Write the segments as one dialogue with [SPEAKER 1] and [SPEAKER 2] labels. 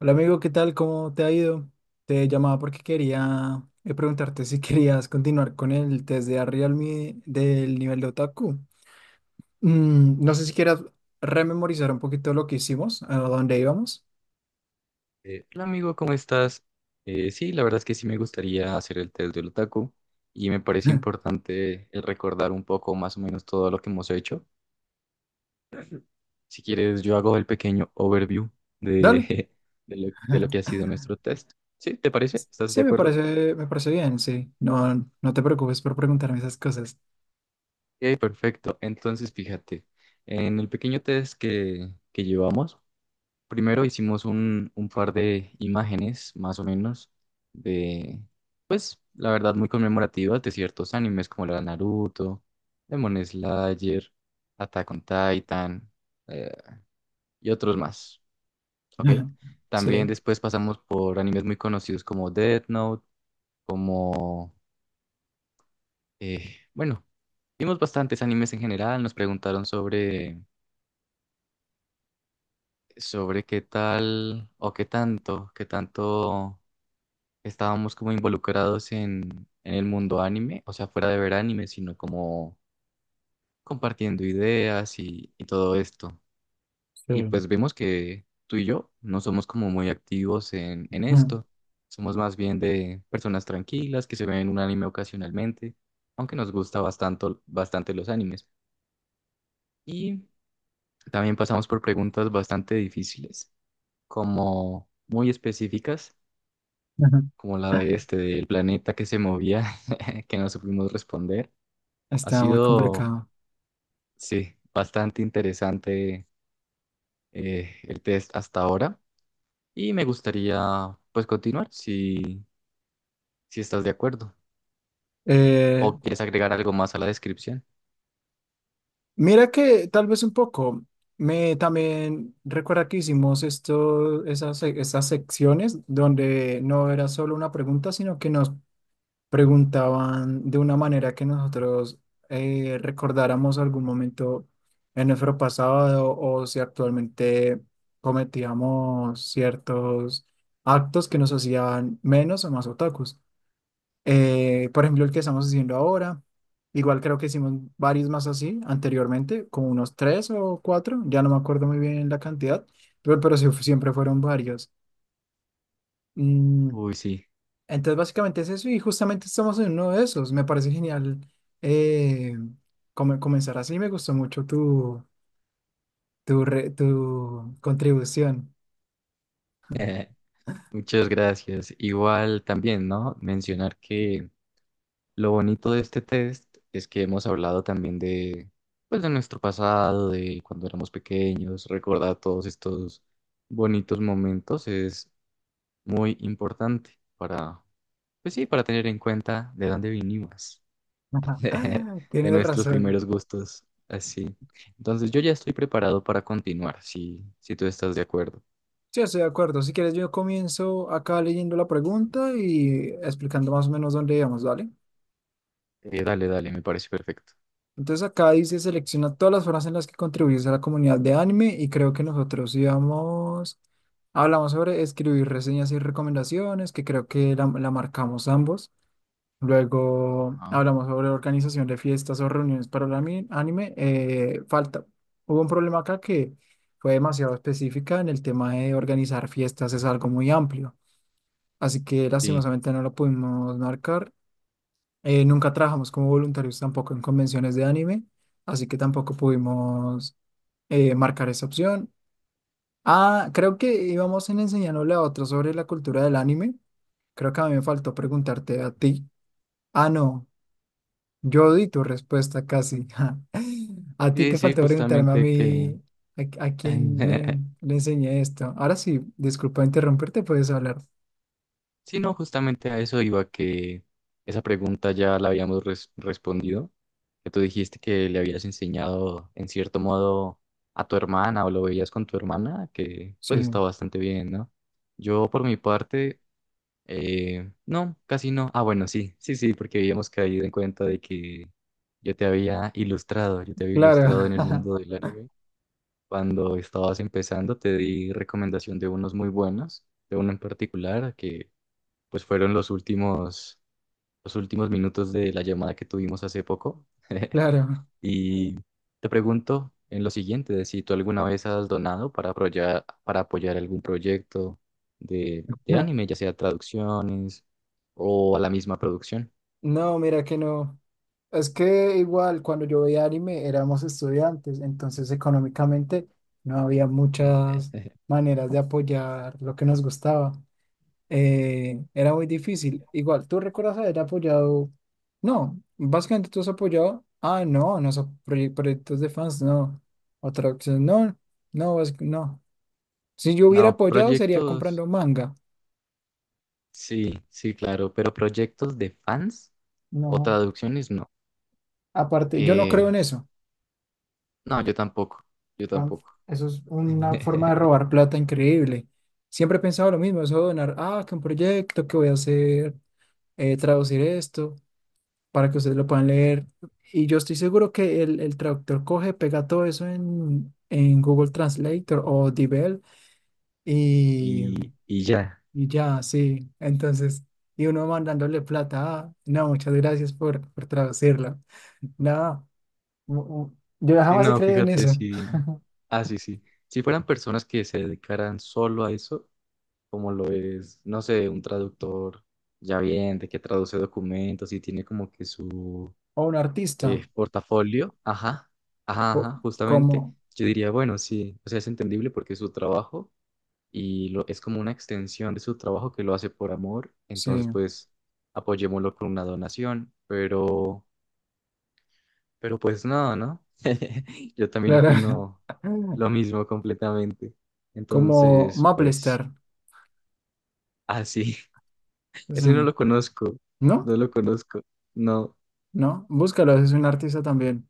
[SPEAKER 1] Hola amigo, ¿qué tal? ¿Cómo te ha ido? Te llamaba porque quería preguntarte si querías continuar con el test de Realme del nivel de otaku. No sé si quieras rememorizar un poquito lo que hicimos, a dónde íbamos.
[SPEAKER 2] Hola amigo, ¿cómo estás? Sí, la verdad es que sí me gustaría hacer el test del otaku y me parece importante el recordar un poco más o menos todo lo que hemos hecho. Si quieres, yo hago el pequeño overview
[SPEAKER 1] Dale.
[SPEAKER 2] de, de lo que ha sido nuestro test. ¿Sí? ¿Te parece?
[SPEAKER 1] S-
[SPEAKER 2] ¿Estás de
[SPEAKER 1] Sí, me
[SPEAKER 2] acuerdo?
[SPEAKER 1] parece, me parece bien, sí. No, no te preocupes por preguntarme esas cosas.
[SPEAKER 2] Ok, perfecto. Entonces, fíjate, en el pequeño test que llevamos, primero hicimos un par de imágenes, más o menos, de, pues, la verdad, muy conmemorativas de ciertos animes como la de Naruto, Demon Slayer, Attack on Titan, eh, y otros más, ¿ok? También
[SPEAKER 1] Sí.
[SPEAKER 2] después pasamos por animes muy conocidos como Death Note, como, bueno, vimos bastantes animes en general, nos preguntaron sobre, sobre qué tal o qué tanto estábamos como involucrados en el mundo anime, o sea, fuera de ver anime, sino como compartiendo ideas y todo esto. Y
[SPEAKER 1] Sí.
[SPEAKER 2] pues vemos que tú y yo no somos como muy activos en esto, somos más bien de personas tranquilas que se ven un anime ocasionalmente, aunque nos gusta bastante, bastante los animes. Y también pasamos por preguntas bastante difíciles, como muy específicas, como la de este, del planeta que se movía que no supimos responder. Ha
[SPEAKER 1] Está muy
[SPEAKER 2] sido,
[SPEAKER 1] complicado.
[SPEAKER 2] sí, bastante interesante el test hasta ahora y me gustaría pues continuar si, si estás de acuerdo
[SPEAKER 1] Eh,
[SPEAKER 2] o quieres agregar algo más a la descripción.
[SPEAKER 1] Mira que tal vez un poco. Me también recuerda que hicimos esto, esas secciones donde no era solo una pregunta, sino que nos preguntaban de una manera que nosotros recordáramos algún momento en nuestro pasado o si actualmente cometíamos ciertos actos que nos hacían menos o más otakus. Por ejemplo, el que estamos haciendo ahora, igual creo que hicimos varios más así anteriormente, como unos tres o cuatro, ya no me acuerdo muy bien la cantidad, pero sí, siempre fueron varios. Mm,
[SPEAKER 2] Uy, sí,
[SPEAKER 1] entonces, básicamente es eso y justamente estamos en uno de esos. Me parece genial eh, comenzar así, me gustó mucho tu contribución.
[SPEAKER 2] muchas gracias. Igual también, ¿no? Mencionar que lo bonito de este test es que hemos hablado también de pues de nuestro pasado, de cuando éramos pequeños, recordar todos estos bonitos momentos es muy importante para, pues sí, para tener en cuenta de dónde vinimos, de
[SPEAKER 1] Tienes
[SPEAKER 2] nuestros
[SPEAKER 1] razón.
[SPEAKER 2] primeros gustos, así. Entonces yo ya estoy preparado para continuar, si, si tú estás de acuerdo.
[SPEAKER 1] Sí, estoy de acuerdo. Si quieres, yo comienzo acá leyendo la pregunta y explicando más o menos dónde íbamos, ¿vale?
[SPEAKER 2] Dale, dale, me parece perfecto.
[SPEAKER 1] Entonces acá dice: selecciona todas las formas en las que contribuyes a la comunidad de anime, y creo que nosotros íbamos, hablamos sobre escribir reseñas y recomendaciones, que creo que la marcamos ambos. Luego
[SPEAKER 2] Ah,
[SPEAKER 1] hablamos sobre organización de fiestas o reuniones para el anime. Falta, hubo un problema acá que fue demasiado específica en el tema de organizar fiestas, es algo muy amplio. Así que
[SPEAKER 2] sí,
[SPEAKER 1] lastimosamente no lo pudimos marcar. Nunca trabajamos como voluntarios tampoco en convenciones de anime, así que tampoco pudimos marcar esa opción. Ah, creo que íbamos en enseñándole a otros sobre la cultura del anime. Creo que a mí me faltó preguntarte a ti. Ah, no, yo di tu respuesta casi. A ti
[SPEAKER 2] sí,
[SPEAKER 1] te
[SPEAKER 2] sí,
[SPEAKER 1] faltó preguntarme a
[SPEAKER 2] justamente que
[SPEAKER 1] mí a quién le, le enseñé esto. Ahora sí, disculpa interrumpirte, puedes hablar.
[SPEAKER 2] sí, no, justamente a eso iba que esa pregunta ya la habíamos respondido, que tú dijiste que le habías enseñado en cierto modo a tu hermana o lo veías con tu hermana, que
[SPEAKER 1] Sí,
[SPEAKER 2] pues está bastante bien, ¿no? Yo por mi parte, no, casi no. Ah, bueno, sí, sí, sí, porque habíamos caído en cuenta de que yo te había ilustrado, yo te había
[SPEAKER 1] claro,
[SPEAKER 2] ilustrado en el mundo del anime. Cuando estabas empezando, te di recomendación de unos muy buenos, de uno en particular que pues fueron los últimos minutos de la llamada que tuvimos hace poco.
[SPEAKER 1] claro.
[SPEAKER 2] Y te pregunto en lo siguiente, de si tú alguna vez has donado para apoyar algún proyecto de anime, ya sea traducciones o a la misma producción.
[SPEAKER 1] No, mira que no. Es que igual cuando yo veía anime éramos estudiantes, entonces económicamente no había muchas maneras de apoyar lo que nos gustaba. Era muy difícil. Igual, ¿tú recuerdas haber apoyado? No, básicamente tú has apoyado. Ah, no, no son proyectos de fans, no. Otra opción, no, no. Si yo hubiera
[SPEAKER 2] No,
[SPEAKER 1] apoyado sería
[SPEAKER 2] proyectos,
[SPEAKER 1] comprando manga.
[SPEAKER 2] sí, sí, claro, pero proyectos de fans o
[SPEAKER 1] No,
[SPEAKER 2] traducciones, no.
[SPEAKER 1] aparte, yo no
[SPEAKER 2] Eh,
[SPEAKER 1] creo en eso.
[SPEAKER 2] no, yo tampoco, yo
[SPEAKER 1] Ah,
[SPEAKER 2] tampoco.
[SPEAKER 1] eso es una forma de robar plata increíble. Siempre he pensado lo mismo, eso de donar, ah, que un proyecto que voy a hacer, traducir esto para que ustedes lo puedan leer. Y yo estoy seguro que el traductor coge, pega todo eso en Google Translator o Dibel y,
[SPEAKER 2] Y, y ya.
[SPEAKER 1] y ya, sí. Entonces, y uno mandándole plata, ah, no, muchas gracias por traducirla. Nada, yo
[SPEAKER 2] Sí,
[SPEAKER 1] jamás he
[SPEAKER 2] no,
[SPEAKER 1] creído en
[SPEAKER 2] fíjate,
[SPEAKER 1] eso.
[SPEAKER 2] sí. Ah, sí, sí. Si fueran personas que se dedicaran solo a eso, como lo es, no sé, un traductor ya bien, de que traduce documentos y tiene como que su
[SPEAKER 1] O un artista,
[SPEAKER 2] portafolio, ajá, ajá, ajá,
[SPEAKER 1] o-
[SPEAKER 2] justamente,
[SPEAKER 1] como
[SPEAKER 2] yo diría, bueno, sí, o sea, es entendible porque es su trabajo y lo, es como una extensión de su trabajo que lo hace por amor, entonces
[SPEAKER 1] sí,
[SPEAKER 2] pues apoyémoslo con una donación, pero... Pero pues nada, ¿no? Yo también
[SPEAKER 1] claro.
[SPEAKER 2] opino lo mismo completamente.
[SPEAKER 1] Como
[SPEAKER 2] Entonces,
[SPEAKER 1] Maplester.
[SPEAKER 2] pues, así.
[SPEAKER 1] Es
[SPEAKER 2] Ese no
[SPEAKER 1] un-
[SPEAKER 2] lo conozco.
[SPEAKER 1] ¿No?
[SPEAKER 2] No lo conozco. No.
[SPEAKER 1] ¿No? Búscalo, es un artista también.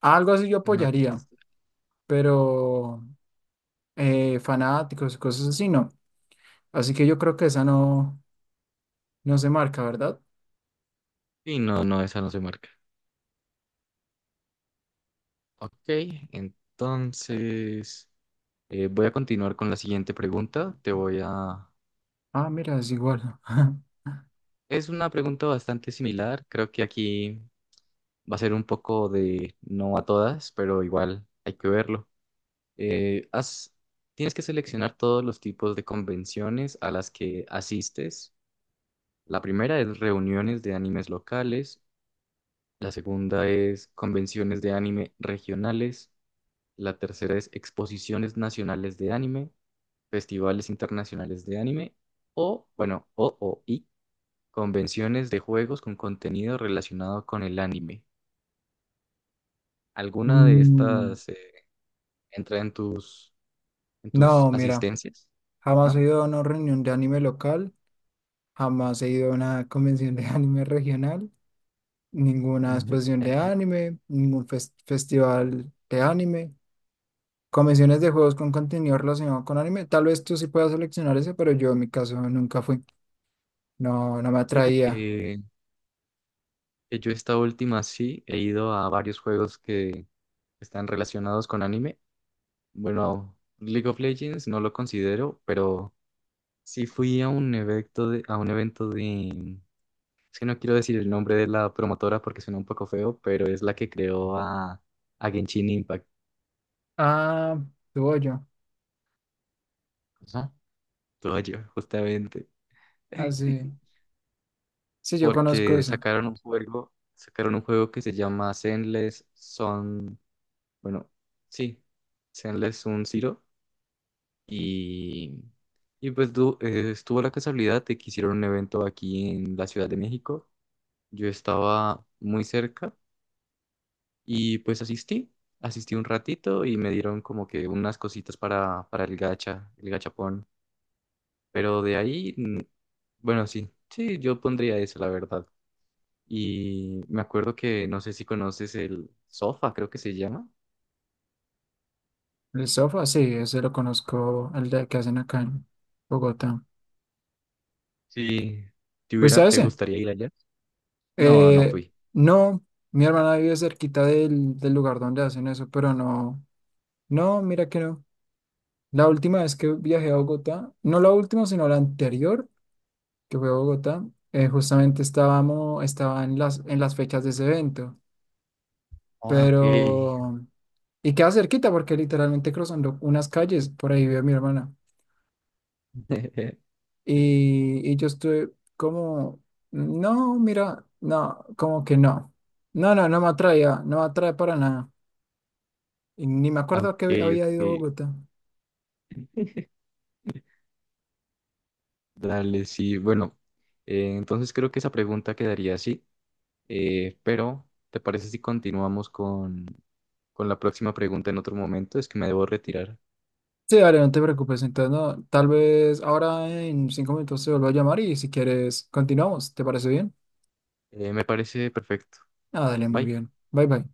[SPEAKER 1] Algo así yo
[SPEAKER 2] No.
[SPEAKER 1] apoyaría, pero fanáticos, cosas así, no. Así que yo creo que esa no, no se marca, ¿verdad?
[SPEAKER 2] Y no, no, esa no se marca. Ok, entonces voy a continuar con la siguiente pregunta. Te voy a...
[SPEAKER 1] Ah, mira, es igual.
[SPEAKER 2] Es una pregunta bastante similar. Creo que aquí va a ser un poco de no a todas, pero igual hay que verlo. eh, has- Tienes que seleccionar todos los tipos de convenciones a las que asistes. La primera es reuniones de animes locales, la segunda es convenciones de anime regionales, la tercera es exposiciones nacionales de anime, festivales internacionales de anime o, bueno, o, y convenciones de juegos con contenido relacionado con el anime. ¿Alguna de
[SPEAKER 1] Mm,
[SPEAKER 2] estas entra en tus
[SPEAKER 1] no, mira,
[SPEAKER 2] asistencias?
[SPEAKER 1] jamás
[SPEAKER 2] ¿No?
[SPEAKER 1] he ido a una reunión de anime local, jamás he ido a una convención de anime regional, ninguna exposición de anime, ningún festival de anime. Convenciones de juegos con contenido relacionado con anime. Tal vez tú sí puedas seleccionar ese, pero yo en mi caso nunca fui. No, no me
[SPEAKER 2] Fíjate
[SPEAKER 1] atraía.
[SPEAKER 2] que yo esta última sí he ido a varios juegos que están relacionados con anime. Bueno, League of Legends no lo considero, pero sí fui a un evento a un evento de, es que no quiero decir el nombre de la promotora porque suena un poco feo, pero es la que creó a Genshin Impact.
[SPEAKER 1] Ah, tuvo yo.
[SPEAKER 2] Ajá. Todo yo, justamente.
[SPEAKER 1] Así. Sí, sí, yo conozco
[SPEAKER 2] Porque
[SPEAKER 1] esa.
[SPEAKER 2] sacaron un juego que se llama Zenless Son, bueno, sí, Zenless Sun Zero. Y, estuvo la casualidad de que hicieron un evento aquí en la Ciudad de México. Yo estaba muy cerca y pues asistí, asistí un ratito y me dieron como que unas cositas para el gacha, el gachapón. Pero de ahí, bueno, sí, sí, yo pondría eso, la verdad. Y me acuerdo que no sé si conoces el Sofa, creo que se llama.
[SPEAKER 1] El sofá, sí, ese lo conozco, el de que hacen acá en Bogotá.
[SPEAKER 2] Sí, ¿te
[SPEAKER 1] Pues
[SPEAKER 2] hubiera,
[SPEAKER 1] a
[SPEAKER 2] te
[SPEAKER 1] ese.
[SPEAKER 2] gustaría ir allá? No, no
[SPEAKER 1] Eh,
[SPEAKER 2] fui.
[SPEAKER 1] no, mi hermana vive cerquita del lugar donde hacen eso, pero no. No, mira que no. La última vez que viajé a Bogotá, no la última, sino la anterior, que fue a Bogotá, justamente estaba en las fechas de ese evento,
[SPEAKER 2] Ah, ok.
[SPEAKER 1] pero... Y queda cerquita porque literalmente cruzando unas calles, por ahí vive mi hermana. Y yo estuve como, no, mira, no, como que no. No, no, no me atraía, no me atrae para nada. Y ni me
[SPEAKER 2] Ah, ok,
[SPEAKER 1] acuerdo que había
[SPEAKER 2] ok,
[SPEAKER 1] ido a Bogotá.
[SPEAKER 2] dale, sí. Bueno, entonces creo que esa pregunta quedaría así, pero ¿te parece si continuamos con la próxima pregunta en otro momento? Es que me debo retirar.
[SPEAKER 1] Sí, dale, no te preocupes. Entonces, no, tal vez ahora en 5 minutos te vuelvo a llamar y si quieres continuamos. ¿Te parece bien?
[SPEAKER 2] Me parece perfecto.
[SPEAKER 1] Ah, dale, muy
[SPEAKER 2] Bye.
[SPEAKER 1] bien. Bye, bye.